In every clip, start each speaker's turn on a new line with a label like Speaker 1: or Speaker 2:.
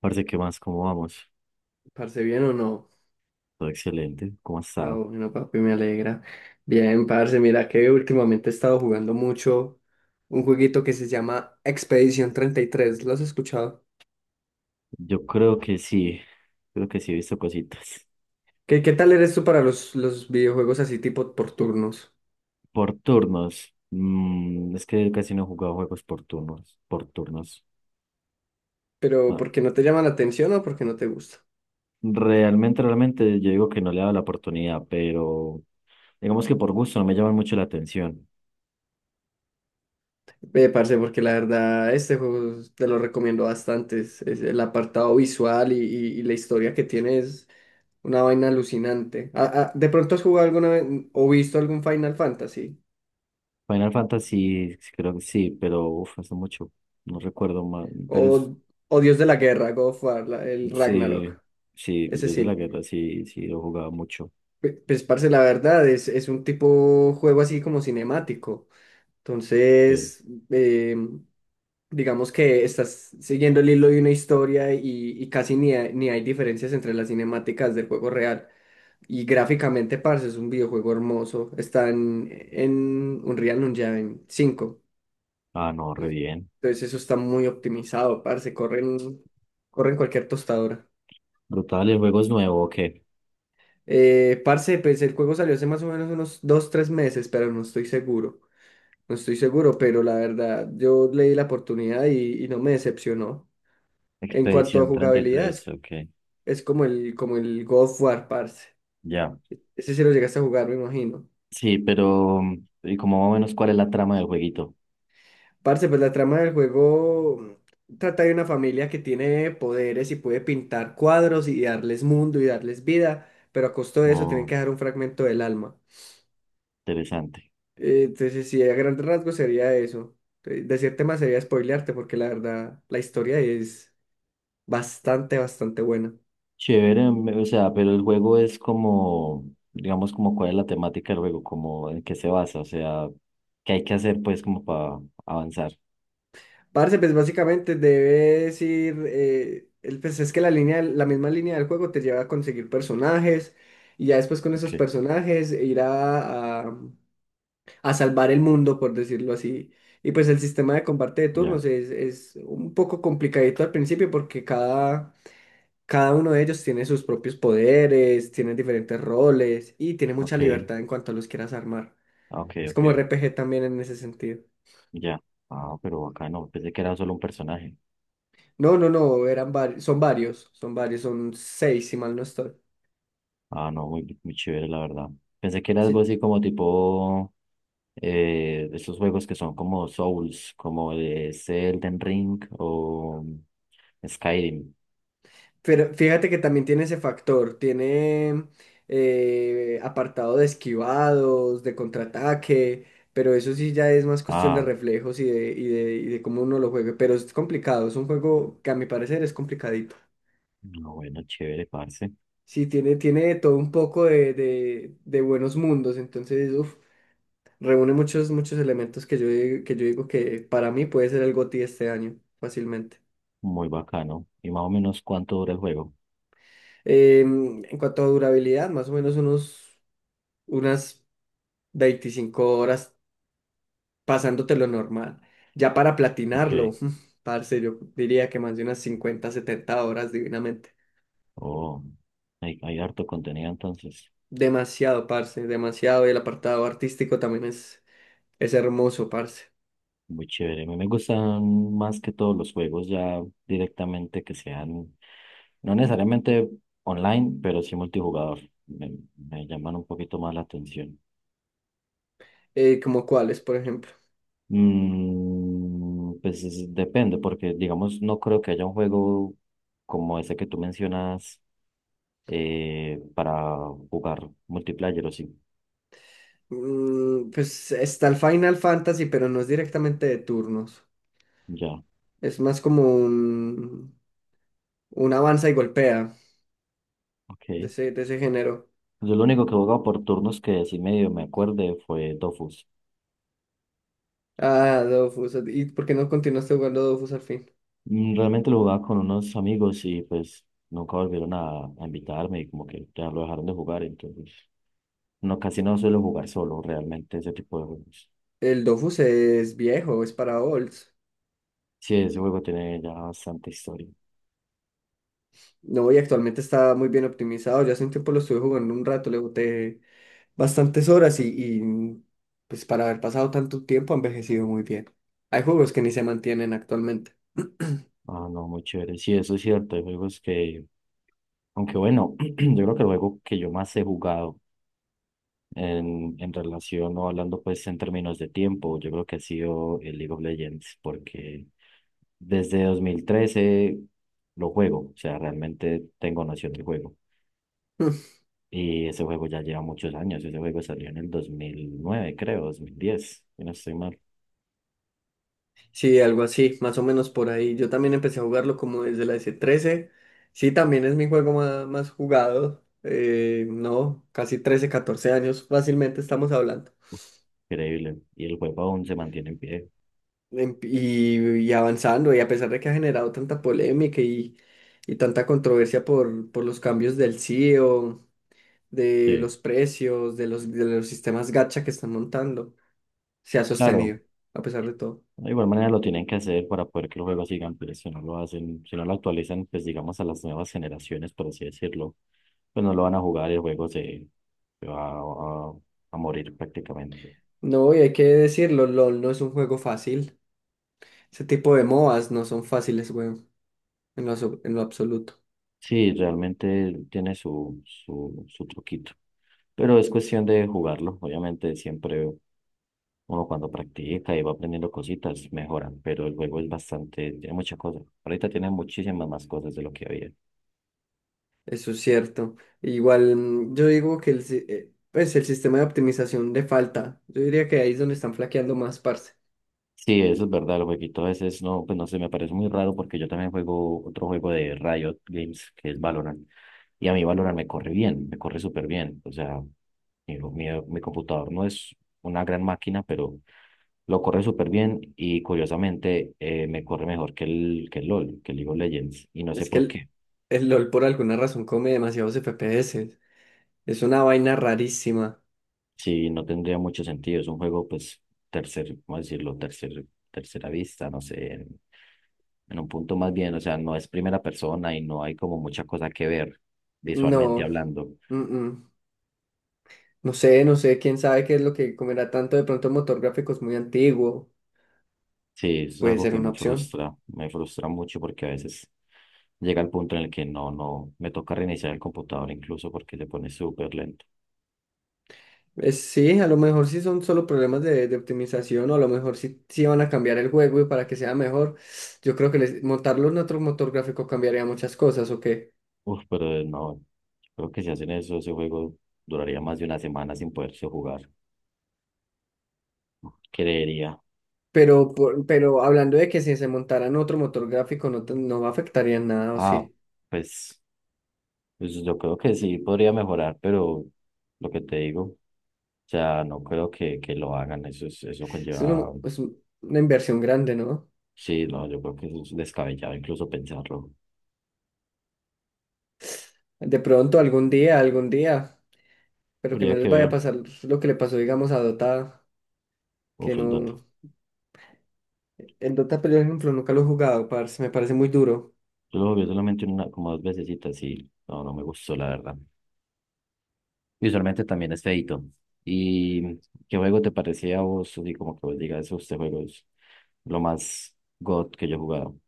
Speaker 1: Parce, ¿qué más? ¿Cómo vamos?
Speaker 2: Parce, ¿bien o no?
Speaker 1: Todo excelente. ¿Cómo has estado?
Speaker 2: Bueno, papi, me alegra. Bien, parce, mira que últimamente he estado jugando mucho un jueguito que se llama Expedición 33. ¿Lo has escuchado?
Speaker 1: Yo creo que sí. Creo que sí he visto cositas.
Speaker 2: ¿Qué tal eres tú para los videojuegos así tipo por turnos?
Speaker 1: Por turnos. Es que casi no he jugado juegos por turnos. Por turnos.
Speaker 2: ¿Pero
Speaker 1: No.
Speaker 2: porque no te llama la atención o porque no te gusta?
Speaker 1: Realmente, yo digo que no le he dado la oportunidad, pero digamos que por gusto no me llaman mucho la atención.
Speaker 2: Ve, parce, porque la verdad este juego te lo recomiendo bastante. Es el apartado visual y, y la historia que tiene es una vaina alucinante. ¿De pronto has jugado alguna vez o visto algún Final Fantasy?
Speaker 1: Final Fantasy, sí, creo que sí, pero uff, hace mucho. No recuerdo más.
Speaker 2: O, o Dios de la Guerra, God of War, el
Speaker 1: Sí,
Speaker 2: Ragnarok.
Speaker 1: sí,
Speaker 2: Ese
Speaker 1: Dios de la
Speaker 2: sí.
Speaker 1: Guerra, sí, sí, lo he jugado mucho.
Speaker 2: Pues, parce, la verdad, es un tipo juego así como cinemático.
Speaker 1: Sí.
Speaker 2: Entonces, eh, digamos que estás siguiendo el hilo de una historia y casi ni hay diferencias entre las cinemáticas del juego real. Y gráficamente, parce, es un videojuego hermoso. Está en Unreal Engine cinco.
Speaker 1: Ah, no, re bien.
Speaker 2: Entonces, eso está muy optimizado, parce. Corren cualquier tostadora.
Speaker 1: Brutal, el juego es nuevo, ok.
Speaker 2: Parce, pues el juego salió hace más o menos unos 2 3 meses, pero no estoy seguro. No estoy seguro, pero la verdad, yo le di la oportunidad y no me decepcionó. En cuanto a
Speaker 1: Expedición treinta y
Speaker 2: jugabilidad,
Speaker 1: tres,
Speaker 2: es,
Speaker 1: ok.
Speaker 2: es como el God of War, parce.
Speaker 1: Ya.
Speaker 2: Ese sí lo llegaste a jugar, me imagino.
Speaker 1: Sí, pero, ¿y como más o menos cuál es la trama del jueguito?
Speaker 2: Parce, pues la trama del juego trata de una familia que tiene poderes y puede pintar cuadros y darles mundo y darles vida, pero a costo de eso tienen
Speaker 1: Oh,
Speaker 2: que dejar un fragmento del alma.
Speaker 1: interesante.
Speaker 2: Entonces, sí, a grandes rasgos sería eso. Decirte más sería spoilearte, porque la verdad, la historia es bastante buena.
Speaker 1: Chévere, o sea, pero el juego es como, digamos, como cuál es la temática del juego, como en qué se basa, o sea, qué hay que hacer pues como para avanzar.
Speaker 2: Parce, pues básicamente debes ir. Pues es que la misma línea del juego te lleva a conseguir personajes, y ya después con esos
Speaker 1: Ok,
Speaker 2: personajes ir a salvar el mundo, por decirlo así. Y pues el sistema de combate de
Speaker 1: ya,
Speaker 2: turnos es un poco complicadito al principio, porque cada. Cada uno de ellos tiene sus propios poderes, tiene diferentes roles y tiene mucha
Speaker 1: ok,
Speaker 2: libertad en cuanto a los quieras armar.
Speaker 1: ah, ok,
Speaker 2: Es
Speaker 1: ok,
Speaker 2: como RPG también en ese sentido.
Speaker 1: ya. Ah, pero acá no, pensé que era solo un personaje.
Speaker 2: No, eran varios, son varios, son seis si mal no estoy.
Speaker 1: Ah, no, muy, muy chévere, la verdad. Pensé que era algo
Speaker 2: Sí.
Speaker 1: así como tipo esos juegos que son como Souls, como de Elden Ring o Skyrim.
Speaker 2: Pero fíjate que también tiene ese factor, tiene apartado de esquivados, de contraataque, pero eso sí ya es más cuestión de
Speaker 1: Ah,
Speaker 2: reflejos y de cómo uno lo juegue. Pero es complicado, es un juego que a mi parecer es complicadito.
Speaker 1: no, bueno, chévere, parce.
Speaker 2: Sí, tiene todo un poco de buenos mundos, entonces, uf, reúne muchos elementos que yo digo que para mí puede ser el GOTY este año, fácilmente.
Speaker 1: Muy bacano. ¿Y más o menos cuánto dura el juego?
Speaker 2: En cuanto a durabilidad, más o menos unos, unas 25 horas pasándote lo normal. Ya para platinarlo,
Speaker 1: Ok.
Speaker 2: parce, yo diría que más de unas 50 70 horas divinamente.
Speaker 1: Oh, hay harto contenido entonces.
Speaker 2: Demasiado, parce, demasiado. Y el apartado artístico también es hermoso, parce.
Speaker 1: Muy chévere. A mí me gustan más que todos los juegos ya directamente que sean, no necesariamente online, pero sí multijugador. Me llaman un poquito más la atención.
Speaker 2: Como cuáles, por ejemplo.
Speaker 1: Pues depende, porque digamos, no creo que haya un juego como ese que tú mencionas para jugar multiplayer o sí.
Speaker 2: Pues está el Final Fantasy, pero no es directamente de turnos.
Speaker 1: Ya,
Speaker 2: Es más como un avanza y golpea
Speaker 1: ok.
Speaker 2: de ese género.
Speaker 1: Yo lo único que jugaba por turnos que sí medio me acuerde fue Dofus.
Speaker 2: Ah, Dofus. ¿Y por qué no continuaste jugando Dofus al fin?
Speaker 1: Realmente lo jugaba con unos amigos y pues nunca volvieron a invitarme y como que ya lo dejaron de jugar, entonces no, casi no suelo jugar solo realmente ese tipo de juegos.
Speaker 2: El Dofus es viejo, es para olds.
Speaker 1: Sí, ese juego tiene ya bastante historia.
Speaker 2: No, y actualmente está muy bien optimizado. Yo hace un tiempo lo estuve jugando un rato, le boté bastantes horas y, pues para haber pasado tanto tiempo ha envejecido muy bien. Hay juegos que ni se mantienen actualmente.
Speaker 1: Ah, no, muy chévere. Sí, eso es cierto. Hay juegos que, aunque bueno, yo creo que el juego que yo más he jugado en relación o hablando pues en términos de tiempo, yo creo que ha sido el League of Legends, porque desde 2013 lo juego, o sea, realmente tengo noción del juego. Y ese juego ya lleva muchos años. Ese juego salió en el 2009 creo, 2010, si no estoy mal.
Speaker 2: Sí, algo así, más o menos por ahí. Yo también empecé a jugarlo como desde la s trece. Sí, también es mi juego más, jugado. No, casi 13 14 años fácilmente estamos hablando.
Speaker 1: Increíble. Y el juego aún se mantiene en pie.
Speaker 2: em- y, y avanzando, y a pesar de que ha generado tanta polémica y tanta controversia por los cambios del CEO, de
Speaker 1: Sí.
Speaker 2: los precios, de los sistemas gacha que están montando, se ha
Speaker 1: Claro,
Speaker 2: sostenido, a pesar de todo.
Speaker 1: de igual manera lo tienen que hacer para poder que los juegos sigan, pero si no lo hacen, si no lo actualizan, pues digamos a las nuevas generaciones, por así decirlo, pues no lo van a jugar y el juego se, se va a morir prácticamente.
Speaker 2: No, y hay que decirlo, LOL no es un juego fácil. Ese tipo de MOBAs no son fáciles, weón, en lo, en lo absoluto.
Speaker 1: Sí, realmente tiene su truquito, pero es cuestión de jugarlo. Obviamente siempre uno cuando practica y va aprendiendo cositas, mejoran, pero el juego es bastante, tiene muchas cosas. Ahorita tiene muchísimas más cosas de lo que había.
Speaker 2: Eso es cierto. Igual yo digo que el, si- pues el sistema de optimización de falta, yo diría que ahí es donde están flaqueando más, parce.
Speaker 1: Sí, eso es verdad, el jueguito a veces no, pues no sé, me parece muy raro porque yo también juego otro juego de Riot Games que es Valorant y a mí Valorant me corre bien, me corre súper bien, o sea, mi computador no es una gran máquina, pero lo corre súper bien y curiosamente me corre mejor que que el LOL, que el League of Legends y no sé
Speaker 2: Es que
Speaker 1: por
Speaker 2: el,
Speaker 1: qué.
Speaker 2: el LOL por alguna razón come demasiados FPS. Es una vaina rarísima.
Speaker 1: Sí, no tendría mucho sentido. Es un juego, pues, ¿cómo decirlo? Tercera vista, no sé, en un punto más bien, o sea, no es primera persona y no hay como mucha cosa que ver visualmente
Speaker 2: No,
Speaker 1: hablando.
Speaker 2: mm-mm. No sé, no sé, quién sabe qué es lo que comerá tanto. De pronto motor gráfico es muy antiguo.
Speaker 1: Sí, eso es
Speaker 2: Puede
Speaker 1: algo
Speaker 2: ser
Speaker 1: que
Speaker 2: una opción.
Speaker 1: me frustra mucho porque a veces llega el punto en el que no, no, me toca reiniciar el computador incluso porque se pone súper lento.
Speaker 2: Es, sí, a lo mejor sí son solo problemas de optimización o a lo mejor sí, sí van a cambiar el juego y para que sea mejor. Yo creo que montarlo en otro motor gráfico cambiaría muchas cosas, ¿o qué?
Speaker 1: Uf, pero no, creo que si hacen eso, ese juego duraría más de una semana sin poderse jugar, creería.
Speaker 2: Pero, pero hablando de que si se montara en otro motor gráfico no, no afectaría en nada, ¿o
Speaker 1: Ah,
Speaker 2: sí?
Speaker 1: pues. Pues yo creo que sí podría mejorar, pero lo que te digo, o sea, no creo que lo hagan. Eso es, eso conlleva.
Speaker 2: Una inversión grande, ¿no?
Speaker 1: Sí, no, yo creo que eso es descabellado incluso pensarlo.
Speaker 2: De pronto, algún día, pero que
Speaker 1: Habría
Speaker 2: no
Speaker 1: que
Speaker 2: les vaya a
Speaker 1: ver.
Speaker 2: pasar lo que le pasó, digamos, a Dota, que
Speaker 1: Uf, el Dota.
Speaker 2: no... El Dota, pero, por ejemplo, nunca lo he jugado, parce, me parece muy duro.
Speaker 1: Yo lo jugué solamente una, como dos vecesitas y no, no me gustó, la verdad. Visualmente también es feito. ¿Y qué juego te parecía a vos? Así como que vos digas, este juego es lo más God que yo he jugado.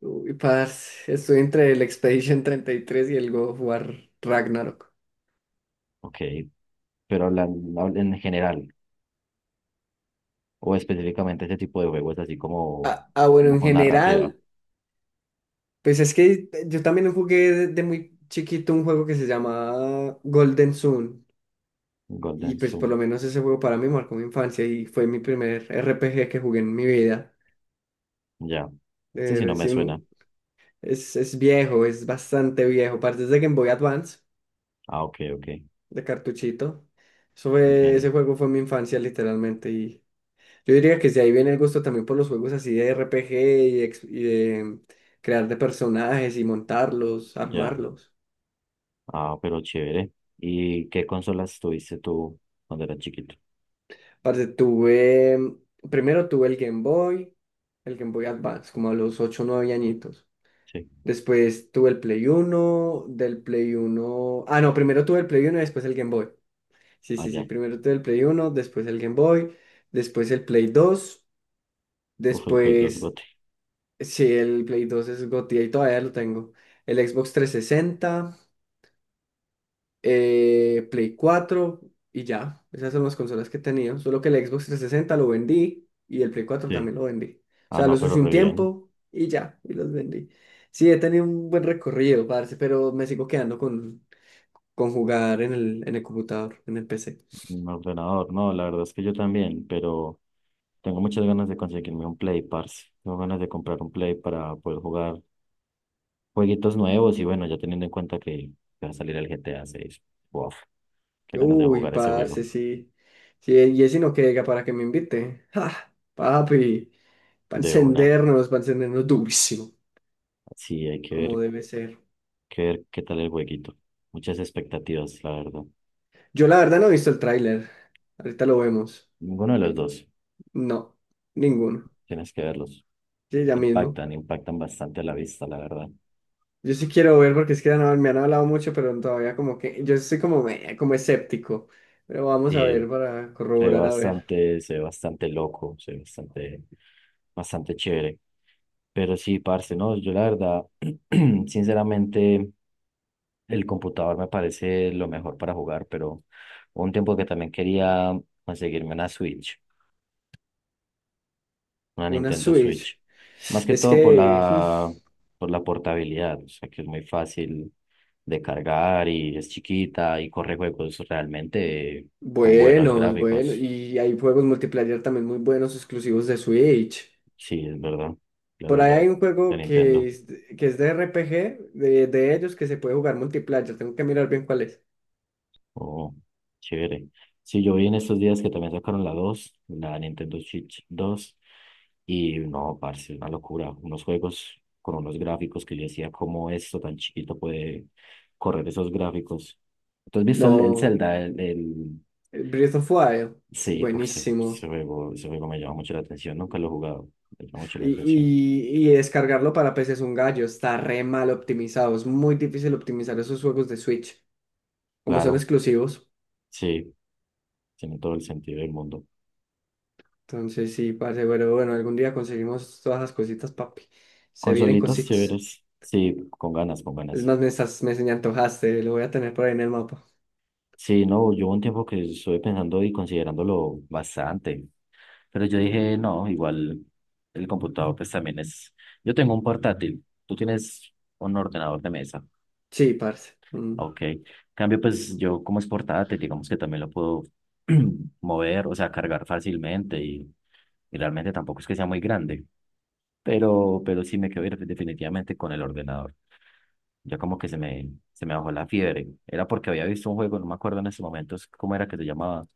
Speaker 2: Uy, parce, estoy entre el Expedition 33 y tres y el God of War Ragnarok.
Speaker 1: Ok, pero hablan en general, o específicamente este tipo de juegos así como,
Speaker 2: Bueno,
Speaker 1: como
Speaker 2: en
Speaker 1: con narrativa.
Speaker 2: general, pues es que yo también jugué de muy chiquito un juego que se llama Golden Sun. Y
Speaker 1: Golden
Speaker 2: pues por lo
Speaker 1: Zoom,
Speaker 2: menos ese juego para mí marcó mi infancia y fue mi primer RPG que jugué en mi vida.
Speaker 1: ya. Ese
Speaker 2: Eh,
Speaker 1: sí no me suena.
Speaker 2: recién- es viejo, es bastante viejo. Parte de Game Boy Advance,
Speaker 1: Ah, ok, ok,
Speaker 2: de cartuchito.
Speaker 1: entiendo.
Speaker 2: Ese juego fue mi infancia literalmente. Y yo diría que si ahí viene el gusto también por los juegos así de RPG y, y de crear de personajes y montarlos,
Speaker 1: Ya.
Speaker 2: armarlos.
Speaker 1: Ah, pero chévere. ¿Y qué consolas tuviste tú cuando eras chiquito?
Speaker 2: Parce, tuve, primero tuve el Game Boy Advance, como a los 8 o 9 añitos.
Speaker 1: Sí.
Speaker 2: Después tuve el Play uno Ah, no, primero tuve el Play uno y después el Game Boy. Sí,
Speaker 1: Ah,
Speaker 2: sí, sí.
Speaker 1: ya.
Speaker 2: Primero tuve el Play uno después el Game Boy, después el Play dos
Speaker 1: Uf, el Play 2
Speaker 2: después.
Speaker 1: bote.
Speaker 2: Sí, el Play dos es Gotti y todavía lo tengo. El Xbox 360, Play cuatro y ya. Esas son las consolas que he tenido. Solo que el Xbox trescientos sesenta lo vendí y el Play cuatro
Speaker 1: Sí.
Speaker 2: también lo vendí. O
Speaker 1: Ah,
Speaker 2: sea,
Speaker 1: no,
Speaker 2: los
Speaker 1: pero
Speaker 2: usé
Speaker 1: re
Speaker 2: un
Speaker 1: bien.
Speaker 2: tiempo y ya, y los vendí. Sí, he tenido un buen recorrido, parce, pero me sigo quedando con jugar en el computador, en el PC.
Speaker 1: Un ordenador. No, la verdad es que yo también, pero tengo muchas ganas de conseguirme un Play, parce. Tengo ganas de comprar un Play para poder jugar jueguitos nuevos y bueno, ya teniendo en cuenta que va a salir el GTA 6. Wow, qué ganas de
Speaker 2: Uy,
Speaker 1: jugar ese juego
Speaker 2: parce, sí. Sí, y ese no queda para que me invite. ¡Ah! Papi,
Speaker 1: de una.
Speaker 2: para encendernos durísimo,
Speaker 1: Sí, hay
Speaker 2: como debe ser.
Speaker 1: que ver qué tal el jueguito. Muchas expectativas, la verdad.
Speaker 2: Yo la verdad no he visto el tráiler. Ahorita lo vemos.
Speaker 1: Ninguno de los dos.
Speaker 2: No, ninguno.
Speaker 1: Tienes que verlos.
Speaker 2: Sí, ya mismo.
Speaker 1: Impactan, impactan bastante a la vista, la verdad.
Speaker 2: Yo sí quiero ver porque es que ya no, me han hablado mucho, pero todavía como que yo soy como, como escéptico. Pero vamos a
Speaker 1: Y
Speaker 2: ver para corroborar, a ver.
Speaker 1: se ve bastante loco, se ve bastante, bastante chévere. Pero sí, parce, no, yo la verdad, sinceramente, el computador me parece lo mejor para jugar, pero hubo un tiempo que también quería conseguirme una Switch, una
Speaker 2: Una
Speaker 1: Nintendo
Speaker 2: Switch.
Speaker 1: Switch. Más que
Speaker 2: Es
Speaker 1: todo por
Speaker 2: que,
Speaker 1: la, por la portabilidad, o sea que es muy fácil de cargar y es chiquita y corre juegos realmente con buenos
Speaker 2: buenos, bueno,
Speaker 1: gráficos.
Speaker 2: y hay juegos multiplayer también muy buenos exclusivos de Switch.
Speaker 1: Sí, es verdad. Claro,
Speaker 2: Por ahí
Speaker 1: ya,
Speaker 2: hay un
Speaker 1: ya
Speaker 2: juego
Speaker 1: Nintendo.
Speaker 2: que es de RPG, de ellos, que se puede jugar multiplayer. Tengo que mirar bien cuál es.
Speaker 1: Oh, chévere. Sí, yo vi en estos días que también sacaron la 2, la Nintendo Switch 2 y no, parce, una locura. Unos juegos con unos gráficos que yo decía, ¿cómo esto tan chiquito puede correr esos gráficos? ¿Tú has visto el
Speaker 2: No,
Speaker 1: Zelda?
Speaker 2: Breath of Wild,
Speaker 1: Sí, uf,
Speaker 2: buenísimo.
Speaker 1: ese juego me llama mucho la atención. Nunca lo he jugado, me llama mucho la
Speaker 2: Y,
Speaker 1: atención.
Speaker 2: y descargarlo para PC es un gallo, está re mal optimizado, es muy difícil optimizar esos juegos de Switch, como son
Speaker 1: Claro,
Speaker 2: exclusivos.
Speaker 1: sí, tiene todo el sentido del mundo.
Speaker 2: Entonces sí, parce, pero bueno, algún día conseguimos todas las cositas, papi. Se vienen
Speaker 1: Consolitas
Speaker 2: cositas.
Speaker 1: chéveres, sí, con ganas, con
Speaker 2: Es
Speaker 1: ganas.
Speaker 2: más, me estás, me antojaste, lo voy a tener por ahí en el mapa.
Speaker 1: Sí, no, yo hubo un tiempo que estuve pensando y considerándolo bastante, pero yo dije, no, igual el computador pues también es, yo tengo un portátil, tú tienes un ordenador de mesa,
Speaker 2: Sí, parce. Mm.
Speaker 1: ok, en cambio pues yo como es portátil, digamos que también lo puedo mover, o sea, cargar fácilmente y realmente tampoco es que sea muy grande pero sí me quedé definitivamente con el ordenador. Ya como que se me bajó la fiebre. Era porque había visto un juego, no me acuerdo en ese momento cómo era que se llamaba,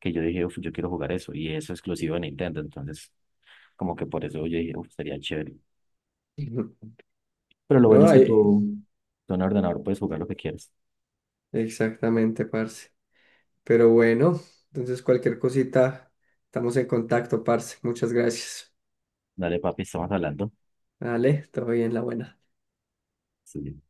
Speaker 1: que yo dije: "Uf, yo quiero jugar eso". Y eso es exclusivo de Nintendo. Entonces, como que por eso yo dije: "Uf, sería chévere".
Speaker 2: Ujú.
Speaker 1: Pero lo bueno
Speaker 2: No,
Speaker 1: es que
Speaker 2: ahí-
Speaker 1: tú en el ordenador puedes jugar lo que quieras.
Speaker 2: Exactamente, parce. Pero bueno, entonces cualquier cosita, estamos en contacto, parce. Muchas gracias.
Speaker 1: Dale, papi, estamos hablando.
Speaker 2: Vale, todo bien, la buena.
Speaker 1: Sí.